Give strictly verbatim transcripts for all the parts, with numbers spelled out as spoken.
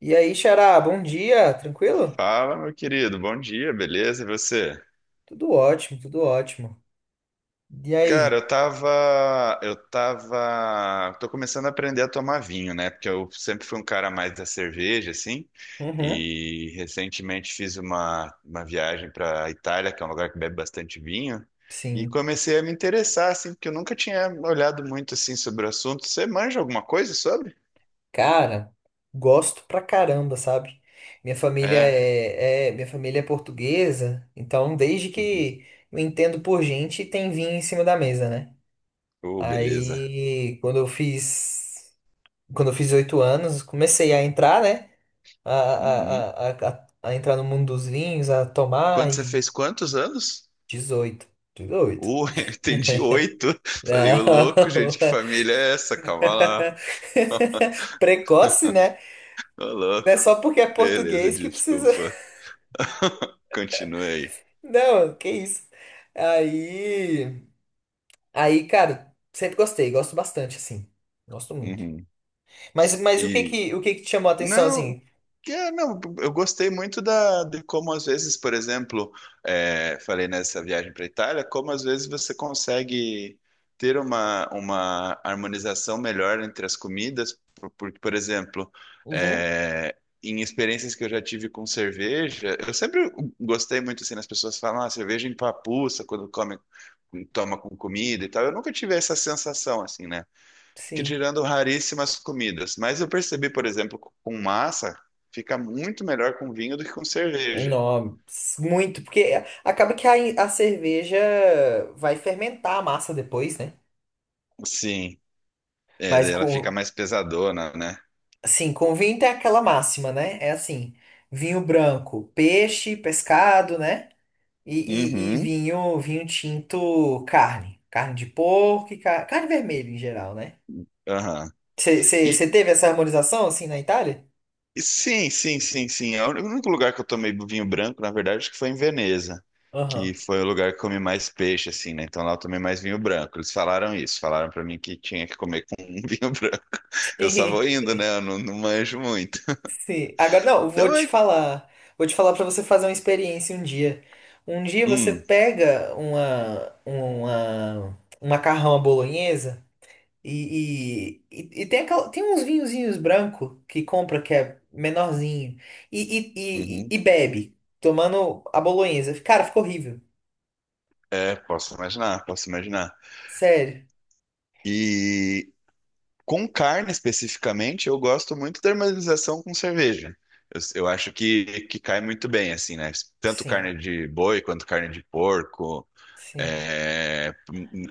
E aí, Xará, bom dia, tranquilo? Fala, meu querido. Bom dia, beleza? E você? Tudo ótimo, tudo ótimo. E Cara, aí? eu tava, eu tava, tô começando a aprender a tomar vinho, né? Porque eu sempre fui um cara mais da cerveja, assim. Uhum, E recentemente fiz uma, uma viagem para Itália, que é um lugar que bebe bastante vinho, e sim. comecei a me interessar, assim, porque eu nunca tinha olhado muito assim sobre o assunto. Você manja alguma coisa sobre? Cara, gosto pra caramba, sabe? Minha família É. é, é- minha família é portuguesa, então desde Uhum. que eu entendo por gente, tem vinho em cima da mesa, né? Oh, beleza. Aí, quando eu fiz, Quando eu fiz oito anos, comecei a entrar, né? A, Uhum. a, a, a, a a entrar no mundo dos vinhos, a tomar Quando você e fez quantos anos? dezoito. dezoito. Uh, eu entendi oito. Falei, ô louco, Não. gente, que família é essa? Calma lá. Precoce, né? Ô Não é louco. só porque é Beleza, português que precisa. desculpa. Continue aí. Não, que isso. Aí, aí, cara, sempre gostei, gosto bastante, assim. Gosto muito. Uhum. Mas, mas o que E. que, o que que te chamou a atenção, Não, assim? que é, não, eu gostei muito da, de como às vezes, por exemplo, é, falei nessa viagem para a Itália, como às vezes você consegue ter uma, uma harmonização melhor entre as comidas, por, por, por exemplo, Uhum, é, em experiências que eu já tive com cerveja, eu sempre gostei muito assim, as pessoas falam, ah, cerveja empapuça quando come, toma com comida e tal. Eu nunca tive essa sensação assim, né? Que sim. tirando raríssimas comidas. Mas eu percebi, por exemplo, com massa, fica muito melhor com vinho do que com cerveja. Não, muito, porque acaba que a, a cerveja vai fermentar a massa depois, né? Sim, é, Mas daí ela fica com, mais pesadona, né? Assim, com vinho tem aquela máxima, né? É assim, vinho branco, peixe, pescado, né? E, e- e Uhum, vinho, vinho tinto, carne. Carne de porco e car- carne vermelha em geral, né? aham. E Você teve essa harmonização, assim, na Itália? e sim, sim, sim, sim. É o único lugar que eu tomei vinho branco, na verdade, acho que foi em Veneza, que Aham. foi o lugar que comi mais peixe, assim, né? Então lá eu tomei mais vinho branco. Eles falaram isso, falaram pra mim que tinha que comer com vinho branco. Eu só vou Sim, indo, né? Eu não, não manjo muito. sim. Agora, não, eu vou Então, te é... falar. Vou te falar para você fazer uma experiência um dia. Um dia você hum, pega uma, uma, um macarrão à bolonhesa, E, e, e e tem, aquela, tem uns vinhozinhos branco que compra que é menorzinho e, e, e, uhum. e bebe, tomando a bolonhesa. Cara, ficou horrível. É, posso imaginar, posso imaginar. Sério. E com carne especificamente, eu gosto muito da harmonização com cerveja. Eu, eu acho que, que cai muito bem, assim, né? Tanto Sim, carne de boi quanto carne de porco. sim, É,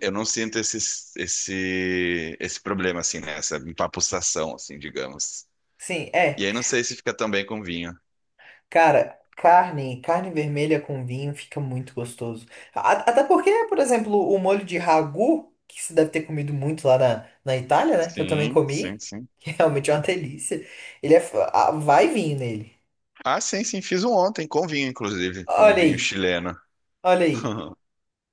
eu não sinto esse, esse, esse problema, assim, né? Essa empapuçação, assim, digamos. sim. É, E aí não sei se fica tão bem com vinho. cara, carne, carne vermelha com vinho fica muito gostoso. A- até porque, por exemplo, o molho de ragu, que você deve ter comido muito lá na, na Itália, né? Que eu também Sim, sim, comi, sim. que realmente é uma delícia. Ele é, f- ah, vai vinho nele. Ah, sim, sim, fiz um ontem com vinho, inclusive, com um Olha vinho aí, chileno. olha aí.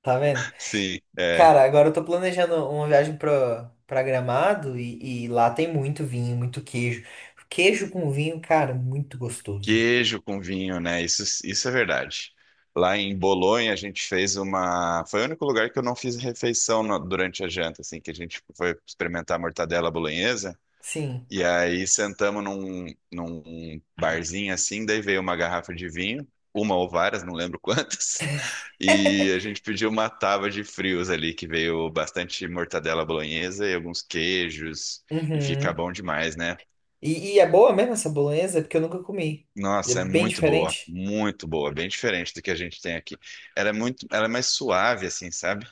Tá vendo? Sim. É. Cara, agora eu tô planejando uma viagem pra, pra Gramado e, e lá tem muito vinho, muito queijo. Queijo com vinho, cara, muito gostoso. Queijo com vinho, né? Isso, isso é verdade. Lá em Bolonha, a gente fez uma. Foi o único lugar que eu não fiz refeição na- durante a janta, assim, que a gente foi experimentar a mortadela bolonhesa. Sim. E aí sentamos num, num barzinho assim, daí veio uma garrafa de vinho, uma ou várias, não lembro quantas. E a gente pediu uma tábua de frios ali, que veio bastante mortadela bolonhesa e alguns queijos. E fica Uhum. bom demais, né? E, e é boa mesmo essa bolonhesa? Porque eu nunca comi. É Nossa, é bem muito boa, diferente? muito boa, bem diferente do que a gente tem aqui. Ela é muito, ela é mais suave, assim, sabe?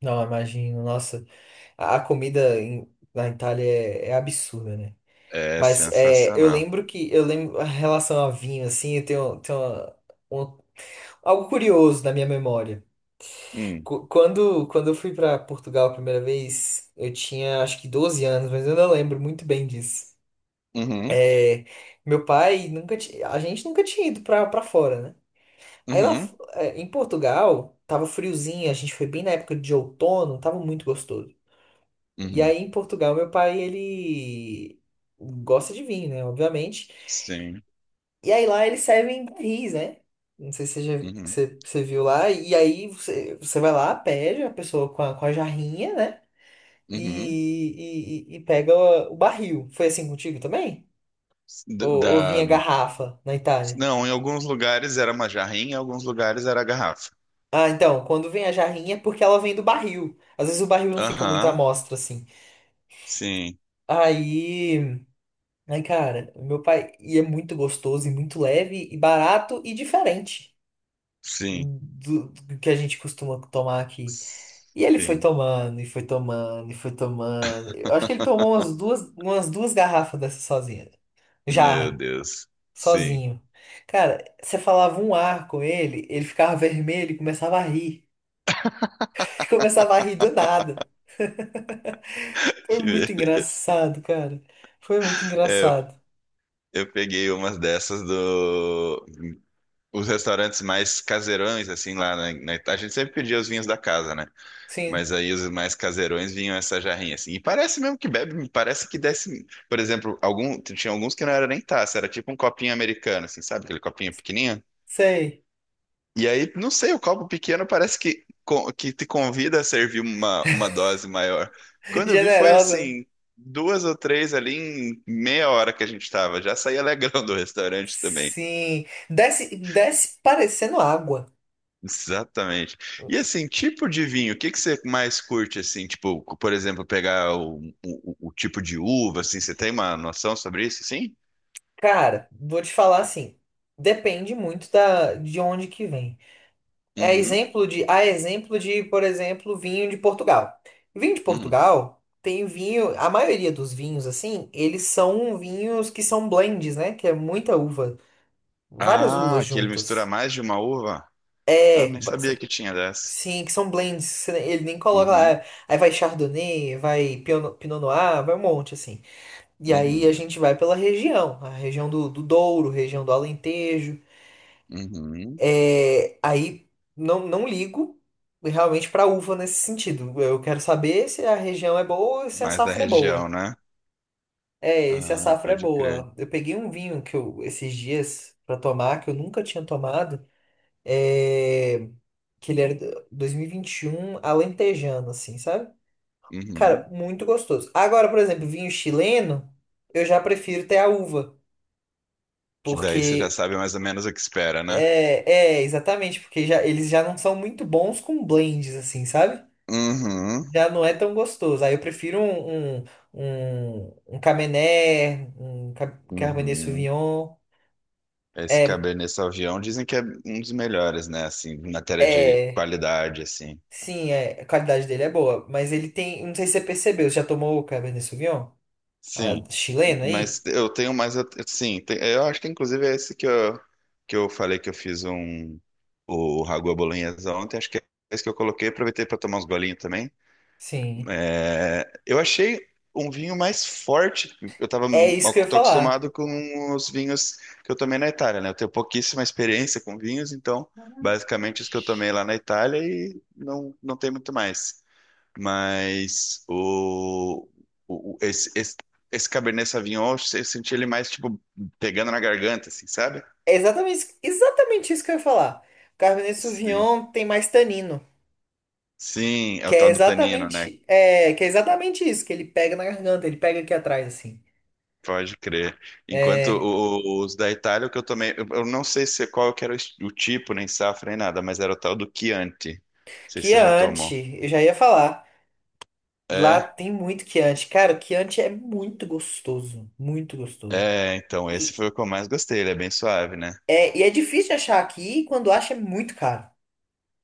Não, imagino. Nossa, a a comida em- na Itália é, é absurda, né? É Mas é, eu sensacional. lembro que, eu lembro, em relação a vinho, assim, eu tenho, tenho uma- um- algo curioso na minha memória. Hum, Qu- Quando, quando eu fui para Portugal a primeira vez, eu tinha acho que doze anos, mas eu não lembro muito bem disso. uhum, É, Meu pai nunca tinha, a gente nunca tinha ido pra, pra fora, né? Aí lá f- uhum, eh, em Portugal, tava friozinho, a gente foi bem na época de outono, tava muito gostoso. E uhum, aí em Portugal, meu pai, ele gosta de vinho, né? Obviamente. sim, E aí lá eles servem barris, né? Não sei se você, já- que uhum, você, você viu lá. E aí você, você vai lá, pede a pessoa com a, com a jarrinha, né? uhum. e, e, e- pega o, o barril. Foi assim contigo também? Ou, D- ou Da, vinha garrafa na Itália? não, em alguns lugares era uma jarrinha, em alguns lugares era garrafa. Ah, então, quando vem a jarrinha é porque ela vem do barril. Às vezes o barril não fica muito à Aham, mostra, assim. sim, Aí, aí, cara, meu pai, e é muito gostoso e muito leve e barato e diferente sim, do, do que a gente costuma tomar aqui. E ele foi sim. tomando, e foi tomando, e foi tomando. Eu acho que ele tomou umas duas, umas duas garrafas dessa sozinha. Meu Jarra. Deus, sim. Sozinho. Cara, você falava um ar com ele, ele ficava vermelho e começava a rir. Começava a rir do nada. Foi Que muito beleza. engraçado, cara. Foi muito É, eu, engraçado. eu peguei umas dessas do os restaurantes mais caseirões, assim, lá na, na Itália, a gente sempre pedia os vinhos da casa, né? Sim, Mas aí os mais caseirões vinham essa jarrinha, assim. E parece mesmo que bebe, parece que desce, por exemplo, algum, tinha alguns que não era nem taça, era tipo um copinho americano, assim, sabe? Aquele copinho pequenininho. sei. E aí, não sei, o copo pequeno parece que, co- que te convida a servir uma, uma dose maior. Quando eu vi, foi Generosa, né? assim, duas ou três ali em meia hora que a gente tava. Já saí alegrão do restaurante também. Sim. Desce, desce parecendo água. Exatamente. E assim, tipo de vinho, o que que você mais curte assim? Tipo, por exemplo, pegar o, o, o tipo de uva, assim, você tem uma noção sobre isso, assim? Cara, vou te falar assim. Depende muito da, de onde que vem. É Uhum, exemplo de, a exemplo de, por exemplo, vinho de Portugal. Vinho de uhum. Portugal tem vinho, a maioria dos vinhos assim, eles são vinhos que são blends, né? Que é muita uva, várias uvas Ah, que ele mistura juntas. mais de uma uva? Ah, É, nem ba- sabia são- que tinha dessa. sim, que são blends. Você nem- Ele nem coloca lá, Uhum, é, aí vai Chardonnay, vai Pinot Pinot Noir, vai um monte assim. E aí a uhum, gente vai pela região, a região do, do Douro, região do Alentejo. uhum. É, aí não, não ligo realmente para uva nesse sentido. Eu quero saber se a região é boa e se a Mais da safra é região, boa. né? É, se a Ah, safra é pode crer. boa. Eu peguei um vinho que eu esses dias para tomar que eu nunca tinha tomado, é, que ele era do- dois mil e vinte e um alentejano assim, sabe? Uhum. Cara, muito gostoso. Agora, por exemplo, vinho chileno, eu já prefiro ter a uva, Que daí você já porque sabe mais ou menos o que espera, né? é, é exatamente, porque já eles já não são muito bons com blends assim, sabe? Uhum, Já não é tão gostoso. Aí eu prefiro um, um, um, um Cabernet, um Ca- Cabernet uhum. Sauvignon. Esse É, Cabernet Sauvignon dizem que é um dos melhores, né? Assim, em matéria de é, qualidade, assim. sim, é, a qualidade dele é boa, mas ele tem, não sei se você percebeu, você já tomou o Cabernet Sauvignon? Ah, Sim, chileno aí? mas eu tenho mais. at- Sim, tem- eu acho que inclusive é esse que eu, que eu falei que eu fiz um. O Ragu à Bolonhesa ontem, acho que é esse que eu coloquei. Aproveitei para tomar uns golinhos também. Sim. É, eu achei um vinho mais forte. Eu tava, É isso que eu ia tô falar. acostumado com os vinhos que eu tomei na Itália, né? Eu tenho pouquíssima experiência com vinhos, então basicamente os que eu tomei lá na Itália e não, não tem muito mais. Mas o, o- o- esse, esse, esse Cabernet Sauvignon, eu se- senti ele mais tipo pegando na garganta, assim, sabe? É exatamente, exatamente isso que eu ia falar. O Cabernet Sim. Sauvignon tem mais tanino, Sim, é que o é tal do tanino, né? exatamente, é, que é exatamente isso, que ele pega na garganta, ele pega aqui atrás, assim. Pode crer. Enquanto É, o- os da Itália, o que eu tomei, eu eu não sei se qual que era o es- o tipo, nem safra, nem nada, mas era o tal do Chianti. Não sei se você já tomou. Chianti, eu já ia falar. Lá É, tem muito quiante. Cara, o quiante é muito gostoso. Muito gostoso. é, então esse E foi o que eu mais gostei, ele é bem suave, né? é, e é difícil de achar aqui, e quando acha é muito caro.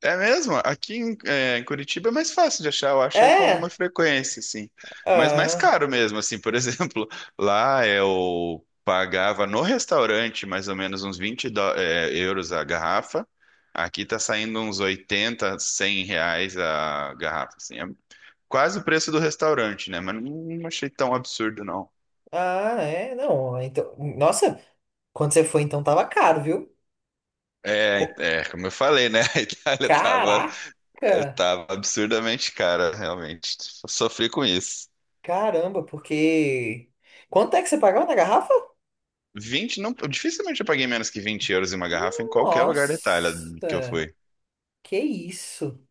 É mesmo? Aqui em, é, em Curitiba é mais fácil de achar, eu achei com alguma É? frequência, assim. Mas mais Ah, caro mesmo, assim. Por exemplo, lá eu pagava no restaurante mais ou menos uns vinte dó- é, euros a garrafa. Aqui tá saindo uns oitenta, cem reais a garrafa, assim. É quase o preço do restaurante, né? Mas não não achei tão absurdo, não. ah, é. Não, então. Nossa, quando você foi, então tava caro, viu? É, Co- é, como eu falei, né? A Itália tava, Caraca! tava absurdamente cara, realmente. Sofri com isso. Caramba, porque. Quanto é que você pagava na garrafa? Vinte não, eu dificilmente eu paguei menos que vinte euros em uma garrafa em qualquer lugar da Itália Nossa, que eu fui. que isso?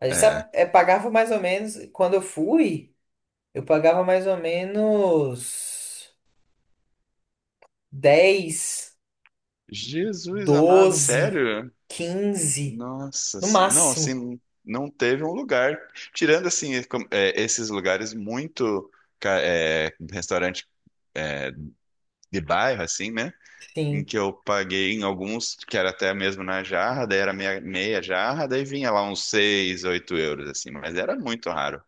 A gente É. sabe- é, pagava mais ou menos. Quando eu fui, eu pagava mais ou menos. Dez, Jesus amado, doze, sério? quinze Nossa no senhora. Não, máximo. assim, não teve um lugar. Tirando, assim, com- é, esses lugares muito. ca- é, restaurante é, de bairro, assim, né? Em Sim, que eu paguei em alguns que era até mesmo na jarra, daí era meia, meia jarra, daí vinha lá uns seis oito euros, assim, mas era muito raro.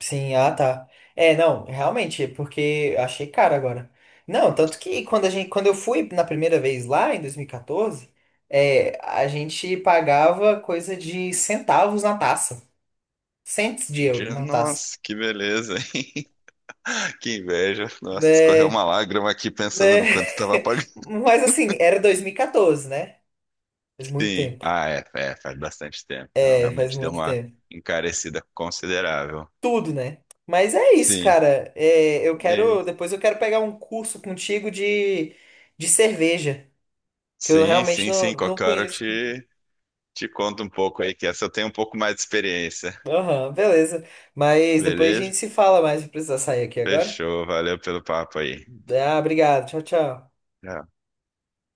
sim, ah tá. É, não, realmente, é porque eu achei caro agora. Não, tanto que quando a gente, quando eu fui na primeira vez lá, em dois mil e quatorze, é, a gente pagava coisa de centavos na taça. Cents de euros De- na taça. Nossa, que beleza, hein? Que inveja. Nossa, escorreu Né, uma lágrima aqui pensando né. no quanto estava pagando. Mas assim, era dois mil e quatorze, né? Faz muito Sim. tempo. Ah, é, é, faz bastante tempo. Não, É, faz realmente deu muito uma tempo. encarecida considerável. Tudo, né? Mas é isso, Sim. cara. É, eu É, quero. Depois eu quero pegar um curso contigo de, de cerveja, que eu sim, realmente sim, não, sim. não Qualquer hora eu conheço. te, te conto um pouco aí, que essa eu tenho um pouco mais de experiência. Aham, beleza. Mas depois a Beleza? gente se fala mais. Eu preciso sair aqui agora. Fechou. Valeu pelo papo aí. Ah, obrigado. Tchau, tchau. Tchau.